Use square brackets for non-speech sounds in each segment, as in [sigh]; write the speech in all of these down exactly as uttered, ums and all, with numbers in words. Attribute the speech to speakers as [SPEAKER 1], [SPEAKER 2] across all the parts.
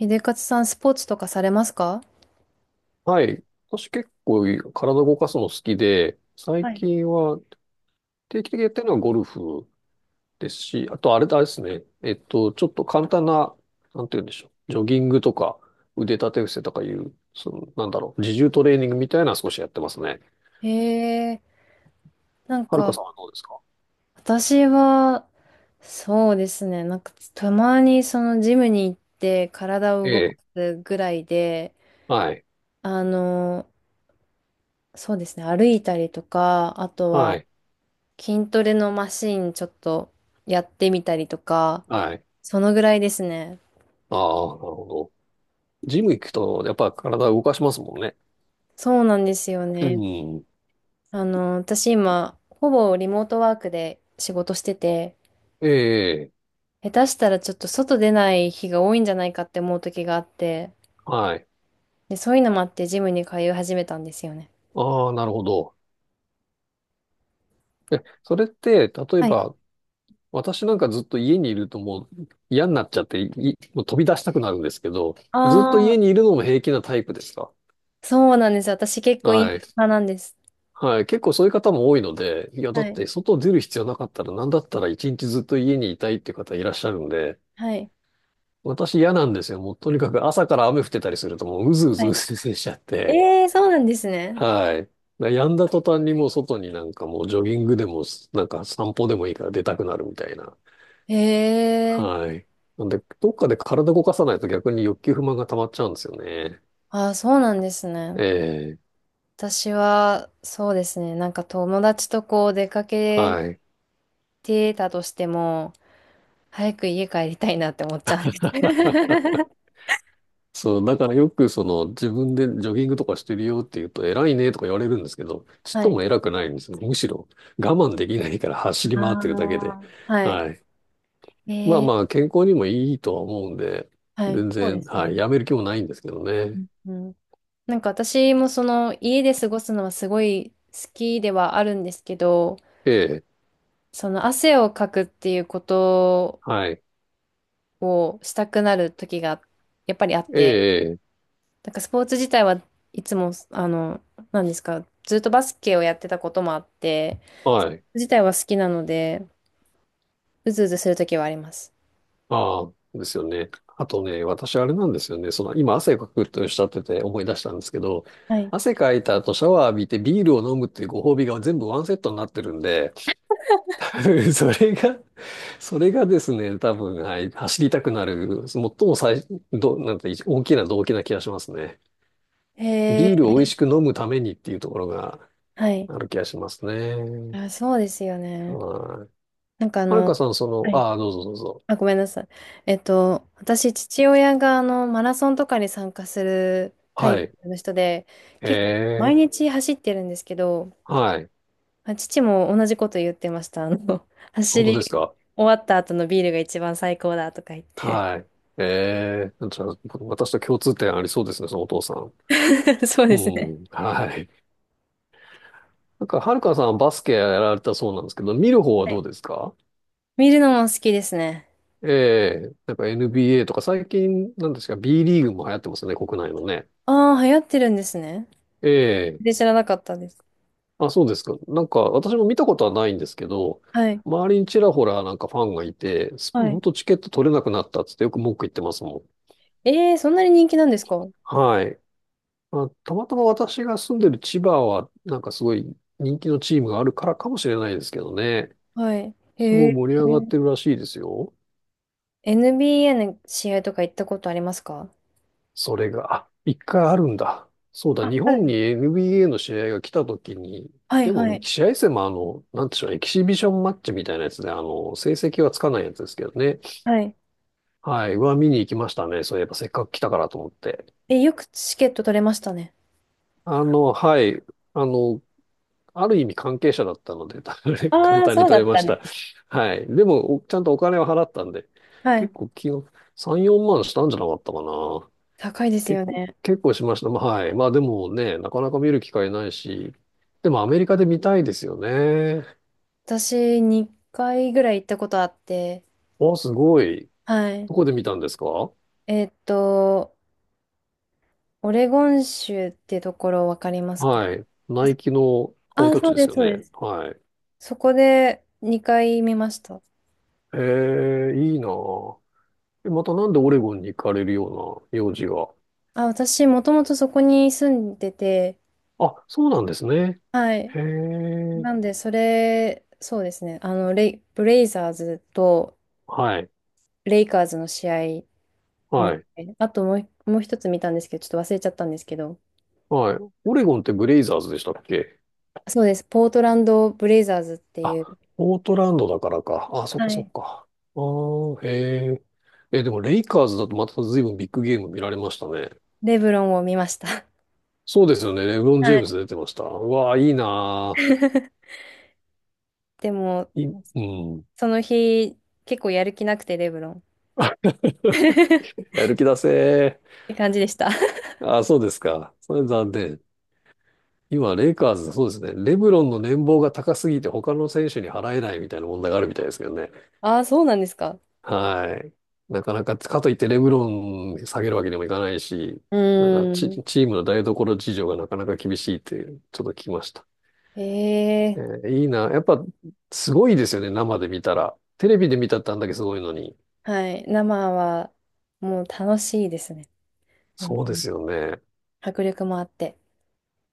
[SPEAKER 1] 秀勝さん、スポーツとかされますか？
[SPEAKER 2] はい。私結構体動かすの好きで、最
[SPEAKER 1] はい。
[SPEAKER 2] 近は定期的にやってるのはゴルフですし、あとあれだですね。えっと、ちょっと簡単な、なんて言うんでしょう。ジョギングとか腕立て伏せとかいう、その、なんだろう、自重トレーニングみたいなのは少しやってますね。
[SPEAKER 1] へえ、なん
[SPEAKER 2] はる
[SPEAKER 1] か、
[SPEAKER 2] かさんはどうですか？
[SPEAKER 1] 私は、そうですね、なんか、たまにそのジムに行って、体を
[SPEAKER 2] え
[SPEAKER 1] 動か
[SPEAKER 2] え。
[SPEAKER 1] すぐらいで、
[SPEAKER 2] はい。
[SPEAKER 1] あの、そうですね、歩いたりとか、あと
[SPEAKER 2] は
[SPEAKER 1] は、
[SPEAKER 2] い。
[SPEAKER 1] 筋トレのマシンちょっとやってみたりとか、
[SPEAKER 2] はい。
[SPEAKER 1] そのぐらいですね。
[SPEAKER 2] ああ、なるほど。ジム行くと、やっぱ体動かしますもんね。
[SPEAKER 1] そうなんですよ
[SPEAKER 2] う
[SPEAKER 1] ね。
[SPEAKER 2] ん。
[SPEAKER 1] あの、私今、ほぼリモートワークで仕事してて、
[SPEAKER 2] ええ。
[SPEAKER 1] 下手したらちょっと外出ない日が多いんじゃないかって思う時があって、
[SPEAKER 2] はい。
[SPEAKER 1] で、そういうのもあってジムに通い始めたんですよね。
[SPEAKER 2] ああ、なるほど。え、それって、例え
[SPEAKER 1] はい。
[SPEAKER 2] ば、私なんかずっと家にいるともう嫌になっちゃって、い、もう飛び出したくなるんですけど、ずっと
[SPEAKER 1] ああ、
[SPEAKER 2] 家にいるのも平気なタイプですか？
[SPEAKER 1] そうなんです。私結構イン
[SPEAKER 2] はい。
[SPEAKER 1] 派なんです。
[SPEAKER 2] はい。結構そういう方も多いので、いや、だ
[SPEAKER 1] は
[SPEAKER 2] っ
[SPEAKER 1] い。
[SPEAKER 2] て外出る必要なかったら、なんだったらいちにちずっと家にいたいっていう方いらっしゃるんで、
[SPEAKER 1] はい。
[SPEAKER 2] 私嫌なんですよ。もうとにかく朝から雨降ってたりするともううずう
[SPEAKER 1] は
[SPEAKER 2] ずう
[SPEAKER 1] い。
[SPEAKER 2] ずうずしちゃって、
[SPEAKER 1] ええー、そうなんですね。
[SPEAKER 2] はい。やんだ途端にもう外になんかもうジョギングでも、なんか散歩でもいいから出たくなるみたいな。
[SPEAKER 1] ええー、
[SPEAKER 2] はい。なんで、どっかで体動かさないと逆に欲求不満が溜まっちゃうんですよね。
[SPEAKER 1] ああ、そうなんです
[SPEAKER 2] え
[SPEAKER 1] ね。
[SPEAKER 2] え、
[SPEAKER 1] 私は、そうですね。なんか友達とこう出かけ
[SPEAKER 2] はい。
[SPEAKER 1] てたとしても、早く家帰りたいなって思っちゃうんです。
[SPEAKER 2] [laughs]
[SPEAKER 1] [laughs]
[SPEAKER 2] そう、だからよくその自分でジョギングとかしてるよって言うと偉いねとか言われるんですけど、ちっ
[SPEAKER 1] は
[SPEAKER 2] と
[SPEAKER 1] い。
[SPEAKER 2] も偉くないんですよ。むしろ我慢できないから走り
[SPEAKER 1] あ
[SPEAKER 2] 回ってるだけで。
[SPEAKER 1] あ、はい。
[SPEAKER 2] はい。まあまあ
[SPEAKER 1] え、
[SPEAKER 2] 健康にもいいとは思うんで、
[SPEAKER 1] はい。
[SPEAKER 2] 全
[SPEAKER 1] そうで
[SPEAKER 2] 然、
[SPEAKER 1] す
[SPEAKER 2] はい、
[SPEAKER 1] ね。
[SPEAKER 2] やめる気もないんですけど
[SPEAKER 1] う
[SPEAKER 2] ね。
[SPEAKER 1] んうん。なんか私もその家で過ごすのはすごい好きではあるんですけど、
[SPEAKER 2] ええ、
[SPEAKER 1] その汗をかくっていうこと
[SPEAKER 2] はい。
[SPEAKER 1] をしたくなる時がやっぱりあっ
[SPEAKER 2] え
[SPEAKER 1] て、
[SPEAKER 2] え、ええ
[SPEAKER 1] なんかスポーツ自体はいつも、あの、なんですか、ずっとバスケをやってたこともあって、
[SPEAKER 2] はい。
[SPEAKER 1] 自体は好きなので、うずうずする時はあります。
[SPEAKER 2] ああ、ですよね。あとね、私あれなんですよね。その、今汗かくとおっしゃってて思い出したんですけど、
[SPEAKER 1] はい。
[SPEAKER 2] 汗かいた後シャワー浴びてビールを飲むっていうご褒美が全部ワンセットになってるんで、[laughs] 多分それが、それがですね、多分、はい、走りたくなる、最も最、ど、なんて、大きな動機な気がしますね。
[SPEAKER 1] へ
[SPEAKER 2] ビールを
[SPEAKER 1] え、
[SPEAKER 2] 美味しく飲むためにっていうところが
[SPEAKER 1] はい。
[SPEAKER 2] ある気がしますね。
[SPEAKER 1] あ、そうですよね。
[SPEAKER 2] はい。
[SPEAKER 1] なんかあ
[SPEAKER 2] はる
[SPEAKER 1] の、
[SPEAKER 2] かさん、そ
[SPEAKER 1] は
[SPEAKER 2] の、
[SPEAKER 1] い
[SPEAKER 2] ああ、どうぞどうぞ。
[SPEAKER 1] あ、ごめんなさい。えっと、私、父親があのマラソンとかに参加するタ
[SPEAKER 2] は
[SPEAKER 1] イ
[SPEAKER 2] い。
[SPEAKER 1] プの人で、
[SPEAKER 2] え
[SPEAKER 1] 結構毎
[SPEAKER 2] え、
[SPEAKER 1] 日走ってるんですけど、
[SPEAKER 2] はい。
[SPEAKER 1] まあ父も同じこと言ってました。あの、[laughs]
[SPEAKER 2] 本
[SPEAKER 1] 走
[SPEAKER 2] 当です
[SPEAKER 1] り
[SPEAKER 2] か？
[SPEAKER 1] 終わった後のビールが一番最高だとか言って。
[SPEAKER 2] はい。ええじゃあ、私と共通点ありそうですね、そのお父さん。
[SPEAKER 1] [laughs] そう
[SPEAKER 2] う
[SPEAKER 1] ですね。
[SPEAKER 2] ん、はい。なんか、はるかさんバスケやられたそうなんですけど、見る方はどうですか？
[SPEAKER 1] 見るのも好きですね。
[SPEAKER 2] ええなんか エヌビーエー とか最近、なんですか、ビーリーグも流行ってますね、国内のね。
[SPEAKER 1] ああ、流行ってるんですね。
[SPEAKER 2] ええ
[SPEAKER 1] で、知らなかったです。
[SPEAKER 2] あ、そうですか。なんか、私も見たことはないんですけど、
[SPEAKER 1] はい。
[SPEAKER 2] 周りにちらほらなんかファンがいて、す
[SPEAKER 1] は
[SPEAKER 2] ほ
[SPEAKER 1] い。
[SPEAKER 2] んとチケット取れなくなったっつってよく文句言ってますもん。
[SPEAKER 1] えー、そんなに人気なんですか？
[SPEAKER 2] はい。まあ、たまたま私が住んでる千葉は、なんかすごい人気のチームがあるからかもしれないですけどね。
[SPEAKER 1] はい。
[SPEAKER 2] す
[SPEAKER 1] へ
[SPEAKER 2] ごい
[SPEAKER 1] え。
[SPEAKER 2] 盛り上がってるらしいですよ。
[SPEAKER 1] エヌビーエー の試合とか行ったことありますか？
[SPEAKER 2] それが、あ、いっかいあるんだ。そうだ、
[SPEAKER 1] あ、
[SPEAKER 2] 日
[SPEAKER 1] あるん
[SPEAKER 2] 本
[SPEAKER 1] で
[SPEAKER 2] に
[SPEAKER 1] す。
[SPEAKER 2] エヌビーエー の試合が来た時に、
[SPEAKER 1] はい
[SPEAKER 2] で
[SPEAKER 1] は
[SPEAKER 2] も
[SPEAKER 1] い。
[SPEAKER 2] 試合戦もあの、なんでしょうね、エキシビションマッチみたいなやつで、あの、成績はつかないやつですけどね。
[SPEAKER 1] はい。
[SPEAKER 2] はい、うわ、見に行きましたね。そういえばせっかく来たからと思って。
[SPEAKER 1] え、よくチケット取れましたね。
[SPEAKER 2] あの、はい、あの、ある意味関係者だったので、[laughs] 簡
[SPEAKER 1] ああ、
[SPEAKER 2] 単
[SPEAKER 1] そ
[SPEAKER 2] に
[SPEAKER 1] うだ
[SPEAKER 2] 取れ
[SPEAKER 1] っ
[SPEAKER 2] ま
[SPEAKER 1] た
[SPEAKER 2] し
[SPEAKER 1] ね。
[SPEAKER 2] た。はい。でも、おちゃんとお金を払ったんで、
[SPEAKER 1] はい。
[SPEAKER 2] 結構気が、さん、よんまんしたんじゃなかったかな。
[SPEAKER 1] 高いです
[SPEAKER 2] 結
[SPEAKER 1] よ
[SPEAKER 2] 構、
[SPEAKER 1] ね。
[SPEAKER 2] 結構しました。まあ、はい。まあでもね、なかなか見る機会ないし、でもアメリカで見たいですよね。
[SPEAKER 1] 私、にかいぐらい行ったことあって、
[SPEAKER 2] お、すごい。
[SPEAKER 1] はい。
[SPEAKER 2] どこで見たんですか？
[SPEAKER 1] えーっと、オレゴン州ってところわかりますか？
[SPEAKER 2] はい。ナイキの
[SPEAKER 1] あ
[SPEAKER 2] 本
[SPEAKER 1] あ、
[SPEAKER 2] 拠
[SPEAKER 1] そ
[SPEAKER 2] 地
[SPEAKER 1] う
[SPEAKER 2] で
[SPEAKER 1] で
[SPEAKER 2] す
[SPEAKER 1] す、
[SPEAKER 2] よ
[SPEAKER 1] そうで
[SPEAKER 2] ね。
[SPEAKER 1] す。
[SPEAKER 2] はい。
[SPEAKER 1] そこでにかい見ました。
[SPEAKER 2] ええ、いいなぁ。えまたなんでオレゴンに行かれるような用事が。
[SPEAKER 1] あ、私、もともとそこに住んでて、
[SPEAKER 2] あ、そうなんですね。
[SPEAKER 1] はい。
[SPEAKER 2] へえ。
[SPEAKER 1] なんで、それ、そうですね。あの、レイ、ブレイザーズと
[SPEAKER 2] はい。
[SPEAKER 1] レイカーズの試合見
[SPEAKER 2] はい。
[SPEAKER 1] てあともう、もう一つ見たんですけど、ちょっと忘れちゃったんですけど、
[SPEAKER 2] はい。オレゴンってブレイザーズでしたっけ？
[SPEAKER 1] そうです、ポートランド・ブレイザーズって
[SPEAKER 2] あ、
[SPEAKER 1] いう。
[SPEAKER 2] ポートランドだからか。あ、そっ
[SPEAKER 1] は
[SPEAKER 2] かそっ
[SPEAKER 1] い。
[SPEAKER 2] か。ああ、へえ。え、でもレイカーズだとまた随分ビッグゲーム見られましたね。
[SPEAKER 1] レブロンを見ました。
[SPEAKER 2] そうですよね。レブロン・ジェ
[SPEAKER 1] は
[SPEAKER 2] ー
[SPEAKER 1] い。
[SPEAKER 2] ムズ出てました。うわあ、いいな
[SPEAKER 1] [laughs] でも、
[SPEAKER 2] ーい、うん。
[SPEAKER 1] その日、結構やる気なくて、レブロン。[laughs]
[SPEAKER 2] [laughs] やる気出せ
[SPEAKER 1] って感じでした。
[SPEAKER 2] ー。あ、そうですか。それ残念。今、レイカーズ、そうですね。レブロンの年俸が高すぎて他の選手に払えないみたいな問題があるみたいですけどね。
[SPEAKER 1] ああ、そうなんですか。
[SPEAKER 2] はい。なかなか、かといってレブロン下げるわけにもいかないし、
[SPEAKER 1] う
[SPEAKER 2] なんか
[SPEAKER 1] ー
[SPEAKER 2] チ、
[SPEAKER 1] ん。
[SPEAKER 2] チームの台所事情がなかなか厳しいっていう、ちょっと聞きました。え
[SPEAKER 1] ええ、
[SPEAKER 2] ーいいな。やっぱ、すごいですよね、生で見たら。テレビで見たってあんだけすごいのに。
[SPEAKER 1] はい。生は、もう楽しいですね。本
[SPEAKER 2] そう
[SPEAKER 1] 当
[SPEAKER 2] で
[SPEAKER 1] に。
[SPEAKER 2] すよね。
[SPEAKER 1] 迫力もあって。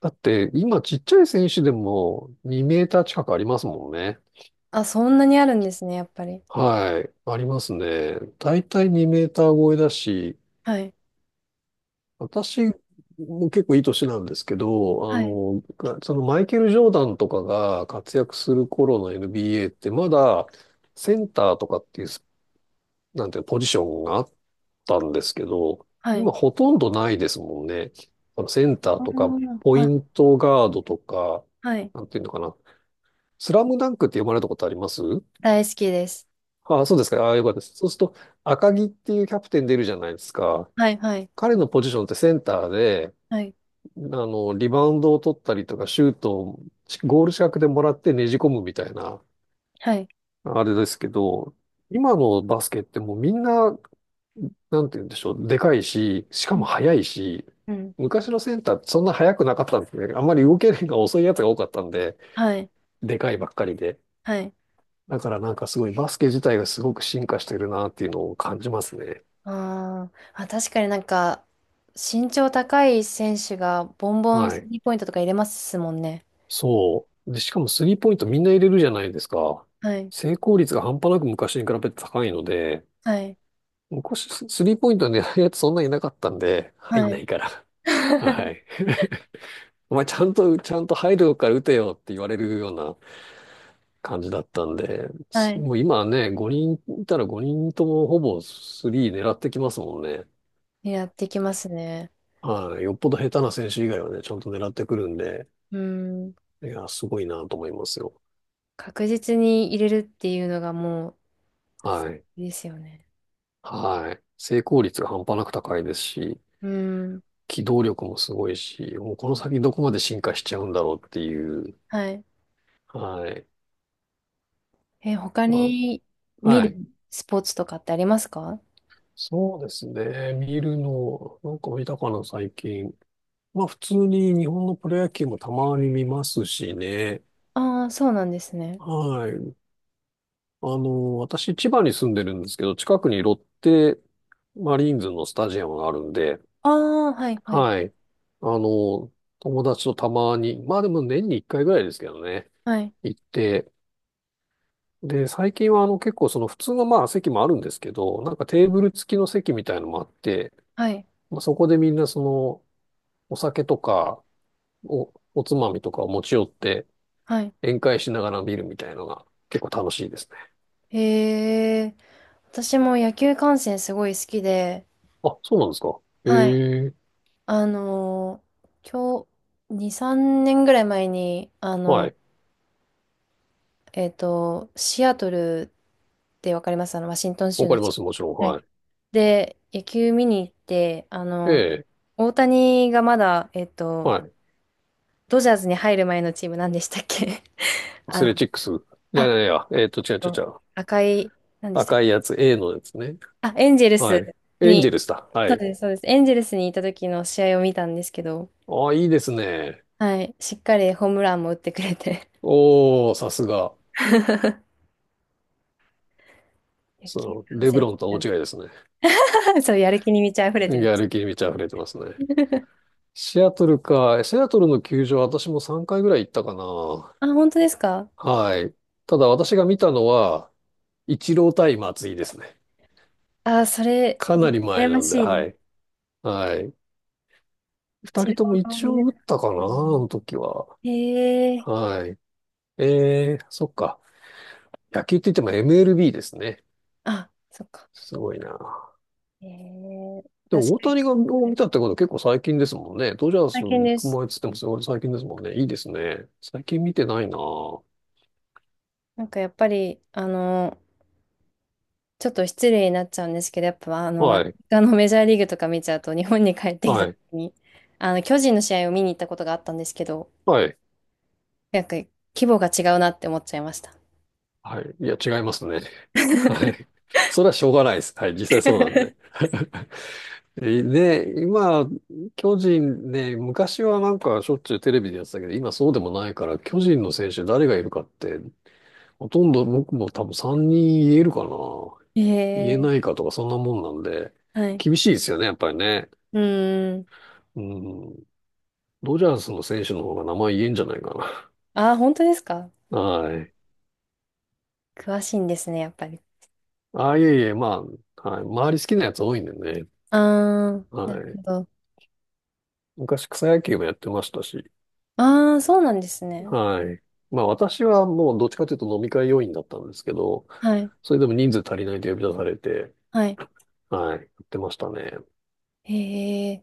[SPEAKER 2] だって、今ちっちゃい選手でもにメーター近くありますもんね。
[SPEAKER 1] あ、そんなにあるんですね、やっぱり。
[SPEAKER 2] はい。ありますね。だいたいにメーター超えだし、
[SPEAKER 1] はい。
[SPEAKER 2] 私も結構いい年なんですけど、あ
[SPEAKER 1] はい。
[SPEAKER 2] の、そのマイケル・ジョーダンとかが活躍する頃の エヌビーエー ってまだセンターとかっていうなんていうのポジションがあったんですけど、
[SPEAKER 1] はい。
[SPEAKER 2] 今ほとんどないですもんね。あのセン
[SPEAKER 1] あ
[SPEAKER 2] ターとか、
[SPEAKER 1] ー、
[SPEAKER 2] ポイ
[SPEAKER 1] はい。
[SPEAKER 2] ントガードとか、
[SPEAKER 1] はい。
[SPEAKER 2] なんていうのかな。スラムダンクって読まれたことあります？
[SPEAKER 1] 大好きです。
[SPEAKER 2] ああ、そうですか。ああ、よかったです。そうすると、赤木っていうキャプテン出るじゃないですか。
[SPEAKER 1] はい、はい、
[SPEAKER 2] 彼のポジションってセンターで、
[SPEAKER 1] はい、
[SPEAKER 2] あの、リバウンドを取ったりとか、シュートをゴール近くでもらってねじ込むみたいな、
[SPEAKER 1] はい。
[SPEAKER 2] あれですけど、今のバスケってもうみんな、なんて言うんでしょう、でかいし、しか
[SPEAKER 1] う
[SPEAKER 2] も
[SPEAKER 1] ん、
[SPEAKER 2] 速いし、
[SPEAKER 1] うん。
[SPEAKER 2] 昔のセンターってそんな速くなかったんですね。あんまり動けるのが遅いやつが多かったんで、
[SPEAKER 1] はい、
[SPEAKER 2] でかいばっかりで。
[SPEAKER 1] はい。
[SPEAKER 2] だからなんかすごいバスケ自体がすごく進化してるなっていうのを感じますね。
[SPEAKER 1] あーあ、確かになんか、身長高い選手がボンボン
[SPEAKER 2] は
[SPEAKER 1] ス
[SPEAKER 2] い。
[SPEAKER 1] リーポイントとか入れますもんね。
[SPEAKER 2] そう。で、しかもスリーポイントみんな入れるじゃないですか。
[SPEAKER 1] はい、
[SPEAKER 2] 成功率が半端なく昔に比べて高いので、
[SPEAKER 1] はい、
[SPEAKER 2] 昔、ススリーポイントの狙うやつそんなにいなかったんで、入
[SPEAKER 1] は
[SPEAKER 2] んな
[SPEAKER 1] い。
[SPEAKER 2] いから。[laughs] は
[SPEAKER 1] [laughs]
[SPEAKER 2] い。お前ちゃんと、ちゃんと入るから打てよって言われるような感じだったんで、
[SPEAKER 1] は
[SPEAKER 2] す
[SPEAKER 1] い。
[SPEAKER 2] もう今はね、ごにんいたらごにんともほぼスリー狙ってきますもんね。
[SPEAKER 1] やってきますね。
[SPEAKER 2] はい。よっぽど下手な選手以外はね、ちゃんと狙ってくるんで、
[SPEAKER 1] うん。
[SPEAKER 2] いや、すごいなと思いますよ。
[SPEAKER 1] 確実に入れるっていうのがもう、
[SPEAKER 2] はい。
[SPEAKER 1] いいですよね。
[SPEAKER 2] はい。成功率が半端なく高いですし、
[SPEAKER 1] うん。
[SPEAKER 2] 機動力もすごいし、もうこの先どこまで進化しちゃうんだろうっていう、
[SPEAKER 1] はい。
[SPEAKER 2] はい。
[SPEAKER 1] え、他
[SPEAKER 2] ま
[SPEAKER 1] に
[SPEAKER 2] あ
[SPEAKER 1] 見
[SPEAKER 2] はい。
[SPEAKER 1] るスポーツとかってありますか？
[SPEAKER 2] そうですね。見るの、なんか見たかな、最近。まあ普通に日本のプロ野球もたまに見ますしね。
[SPEAKER 1] ああー、そうなんですね。
[SPEAKER 2] はい。あの、私千葉に住んでるんですけど、近くにロッテマリーンズのスタジアムがあるんで、
[SPEAKER 1] ああ、はい、はい、
[SPEAKER 2] はい。あの、友達とたまに、まあでも年にいっかいぐらいですけどね、
[SPEAKER 1] はい、
[SPEAKER 2] 行って、で、最近はあの結構その普通のまあ席もあるんですけど、なんかテーブル付きの席みたいのもあって、
[SPEAKER 1] はい。
[SPEAKER 2] まあ、そこでみんなそのお酒とか、お、おつまみとかを持ち寄って
[SPEAKER 1] はい。
[SPEAKER 2] 宴会しながら見るみたいなのが結構楽しいですね。
[SPEAKER 1] へえ、私も野球観戦すごい好きで、
[SPEAKER 2] あ、そうなんですか。え
[SPEAKER 1] はい。
[SPEAKER 2] え、
[SPEAKER 1] あのー、今日、に、さんねんぐらい前に、あ
[SPEAKER 2] は
[SPEAKER 1] の、
[SPEAKER 2] い。
[SPEAKER 1] えっと、シアトルってわかります、あの、ワシントン州
[SPEAKER 2] わか
[SPEAKER 1] の
[SPEAKER 2] りま
[SPEAKER 1] 近
[SPEAKER 2] す、
[SPEAKER 1] く。
[SPEAKER 2] もちろん。
[SPEAKER 1] は
[SPEAKER 2] は
[SPEAKER 1] い。
[SPEAKER 2] い。
[SPEAKER 1] で、野球見に行って、あ
[SPEAKER 2] え
[SPEAKER 1] の、
[SPEAKER 2] え、
[SPEAKER 1] 大谷がまだ、えっと、
[SPEAKER 2] はい。
[SPEAKER 1] ドジャーズに入る前のチーム何でしたっけ？ [laughs]
[SPEAKER 2] ア
[SPEAKER 1] あ
[SPEAKER 2] スレ
[SPEAKER 1] の、
[SPEAKER 2] チックス。じゃ
[SPEAKER 1] あ、
[SPEAKER 2] あ、いや、えっと、違う違う違う。
[SPEAKER 1] 赤い、何でしたっ
[SPEAKER 2] 赤
[SPEAKER 1] け？
[SPEAKER 2] いやつ、A のやつね。
[SPEAKER 1] あ、エンジェルス
[SPEAKER 2] はい。エン
[SPEAKER 1] に。
[SPEAKER 2] ジェルスだ。は
[SPEAKER 1] そう
[SPEAKER 2] い。
[SPEAKER 1] です、そうです。エンゼルスにいた時の試合を見たんですけど、
[SPEAKER 2] あ、いいですね。
[SPEAKER 1] はい、しっかりホームランも打ってくれて。
[SPEAKER 2] おー、さすが。
[SPEAKER 1] [laughs] 野球
[SPEAKER 2] その、
[SPEAKER 1] 観
[SPEAKER 2] レブ
[SPEAKER 1] 戦し
[SPEAKER 2] ロ
[SPEAKER 1] て
[SPEAKER 2] ンと
[SPEAKER 1] た
[SPEAKER 2] は大
[SPEAKER 1] ん
[SPEAKER 2] 違いですね。
[SPEAKER 1] で [laughs] そう、やる気に満ち溢れてま
[SPEAKER 2] や
[SPEAKER 1] し
[SPEAKER 2] る気
[SPEAKER 1] た。
[SPEAKER 2] に満ち溢れてますね。
[SPEAKER 1] [laughs]
[SPEAKER 2] シアトルか。シアトルの球場、私もさんかいぐらい行ったかな。
[SPEAKER 1] あ、本当ですか？
[SPEAKER 2] はい。ただ私が見たのは、いちろう対松井ですね。
[SPEAKER 1] あ、それ、
[SPEAKER 2] かなり
[SPEAKER 1] 羨
[SPEAKER 2] 前
[SPEAKER 1] ま
[SPEAKER 2] なんで、
[SPEAKER 1] しいで
[SPEAKER 2] は
[SPEAKER 1] す。
[SPEAKER 2] い。はい。
[SPEAKER 1] イー
[SPEAKER 2] ふたりとも一
[SPEAKER 1] 見れ
[SPEAKER 2] 応打
[SPEAKER 1] た
[SPEAKER 2] っ
[SPEAKER 1] か
[SPEAKER 2] たかな、あ
[SPEAKER 1] な。
[SPEAKER 2] の時は。
[SPEAKER 1] へえ、
[SPEAKER 2] はい。えー、そっか。野球って言っても エムエルビー ですね。
[SPEAKER 1] あ、そっか。
[SPEAKER 2] すごいな。
[SPEAKER 1] へえ、
[SPEAKER 2] で
[SPEAKER 1] 私、
[SPEAKER 2] も大谷がを見たってことは結構最近ですもんね。ドジャース
[SPEAKER 1] 大変
[SPEAKER 2] 行
[SPEAKER 1] で
[SPEAKER 2] く
[SPEAKER 1] す。
[SPEAKER 2] 前っつってもすごい最近ですもんね。いいですね。最近見てないな。は
[SPEAKER 1] なんかやっぱり、あの、ちょっと失礼になっちゃうんですけど、やっぱあの、アメ
[SPEAKER 2] い。
[SPEAKER 1] リカの [laughs] メジャーリーグとか見ちゃうと、日本に帰ってきた
[SPEAKER 2] は
[SPEAKER 1] 時
[SPEAKER 2] い。
[SPEAKER 1] に、あの、巨人の試合を見に行ったことがあったんですけど、
[SPEAKER 2] はい。
[SPEAKER 1] なんか規模が違うなって思っちゃいました。
[SPEAKER 2] はい。いや、違いますね。はい。
[SPEAKER 1] [laughs]
[SPEAKER 2] それはしょうがないです。はい。実際そうなんで。[laughs] えで、今、巨人ね、昔はなんかしょっちゅうテレビでやってたけど、今そうでもないから、巨人の選手誰がいるかって、ほとんど僕も多分さんにん言えるかな。
[SPEAKER 1] へ
[SPEAKER 2] 言え
[SPEAKER 1] え、
[SPEAKER 2] ないかとか、そんなもんなんで、
[SPEAKER 1] はい。
[SPEAKER 2] 厳しいですよね、やっぱりね。
[SPEAKER 1] うーん。
[SPEAKER 2] うん。ドジャースの選手の方が名前言えんじゃないか
[SPEAKER 1] ああ、本当ですか？
[SPEAKER 2] な。[laughs] はい。
[SPEAKER 1] 詳しいんですね、やっぱり。
[SPEAKER 2] ああ、いえいえ、まあ、はい。周り好きなやつ多いんでね。
[SPEAKER 1] ああ、な
[SPEAKER 2] は
[SPEAKER 1] る
[SPEAKER 2] い。
[SPEAKER 1] ほど。
[SPEAKER 2] 昔草野球もやってましたし。
[SPEAKER 1] ああ、そうなんですね。
[SPEAKER 2] はい。まあ私はもうどっちかというと飲み会要員だったんですけど、
[SPEAKER 1] はい。
[SPEAKER 2] それでも人数足りないと呼び出されて、
[SPEAKER 1] はい。
[SPEAKER 2] はい、やってましたね。
[SPEAKER 1] へえ。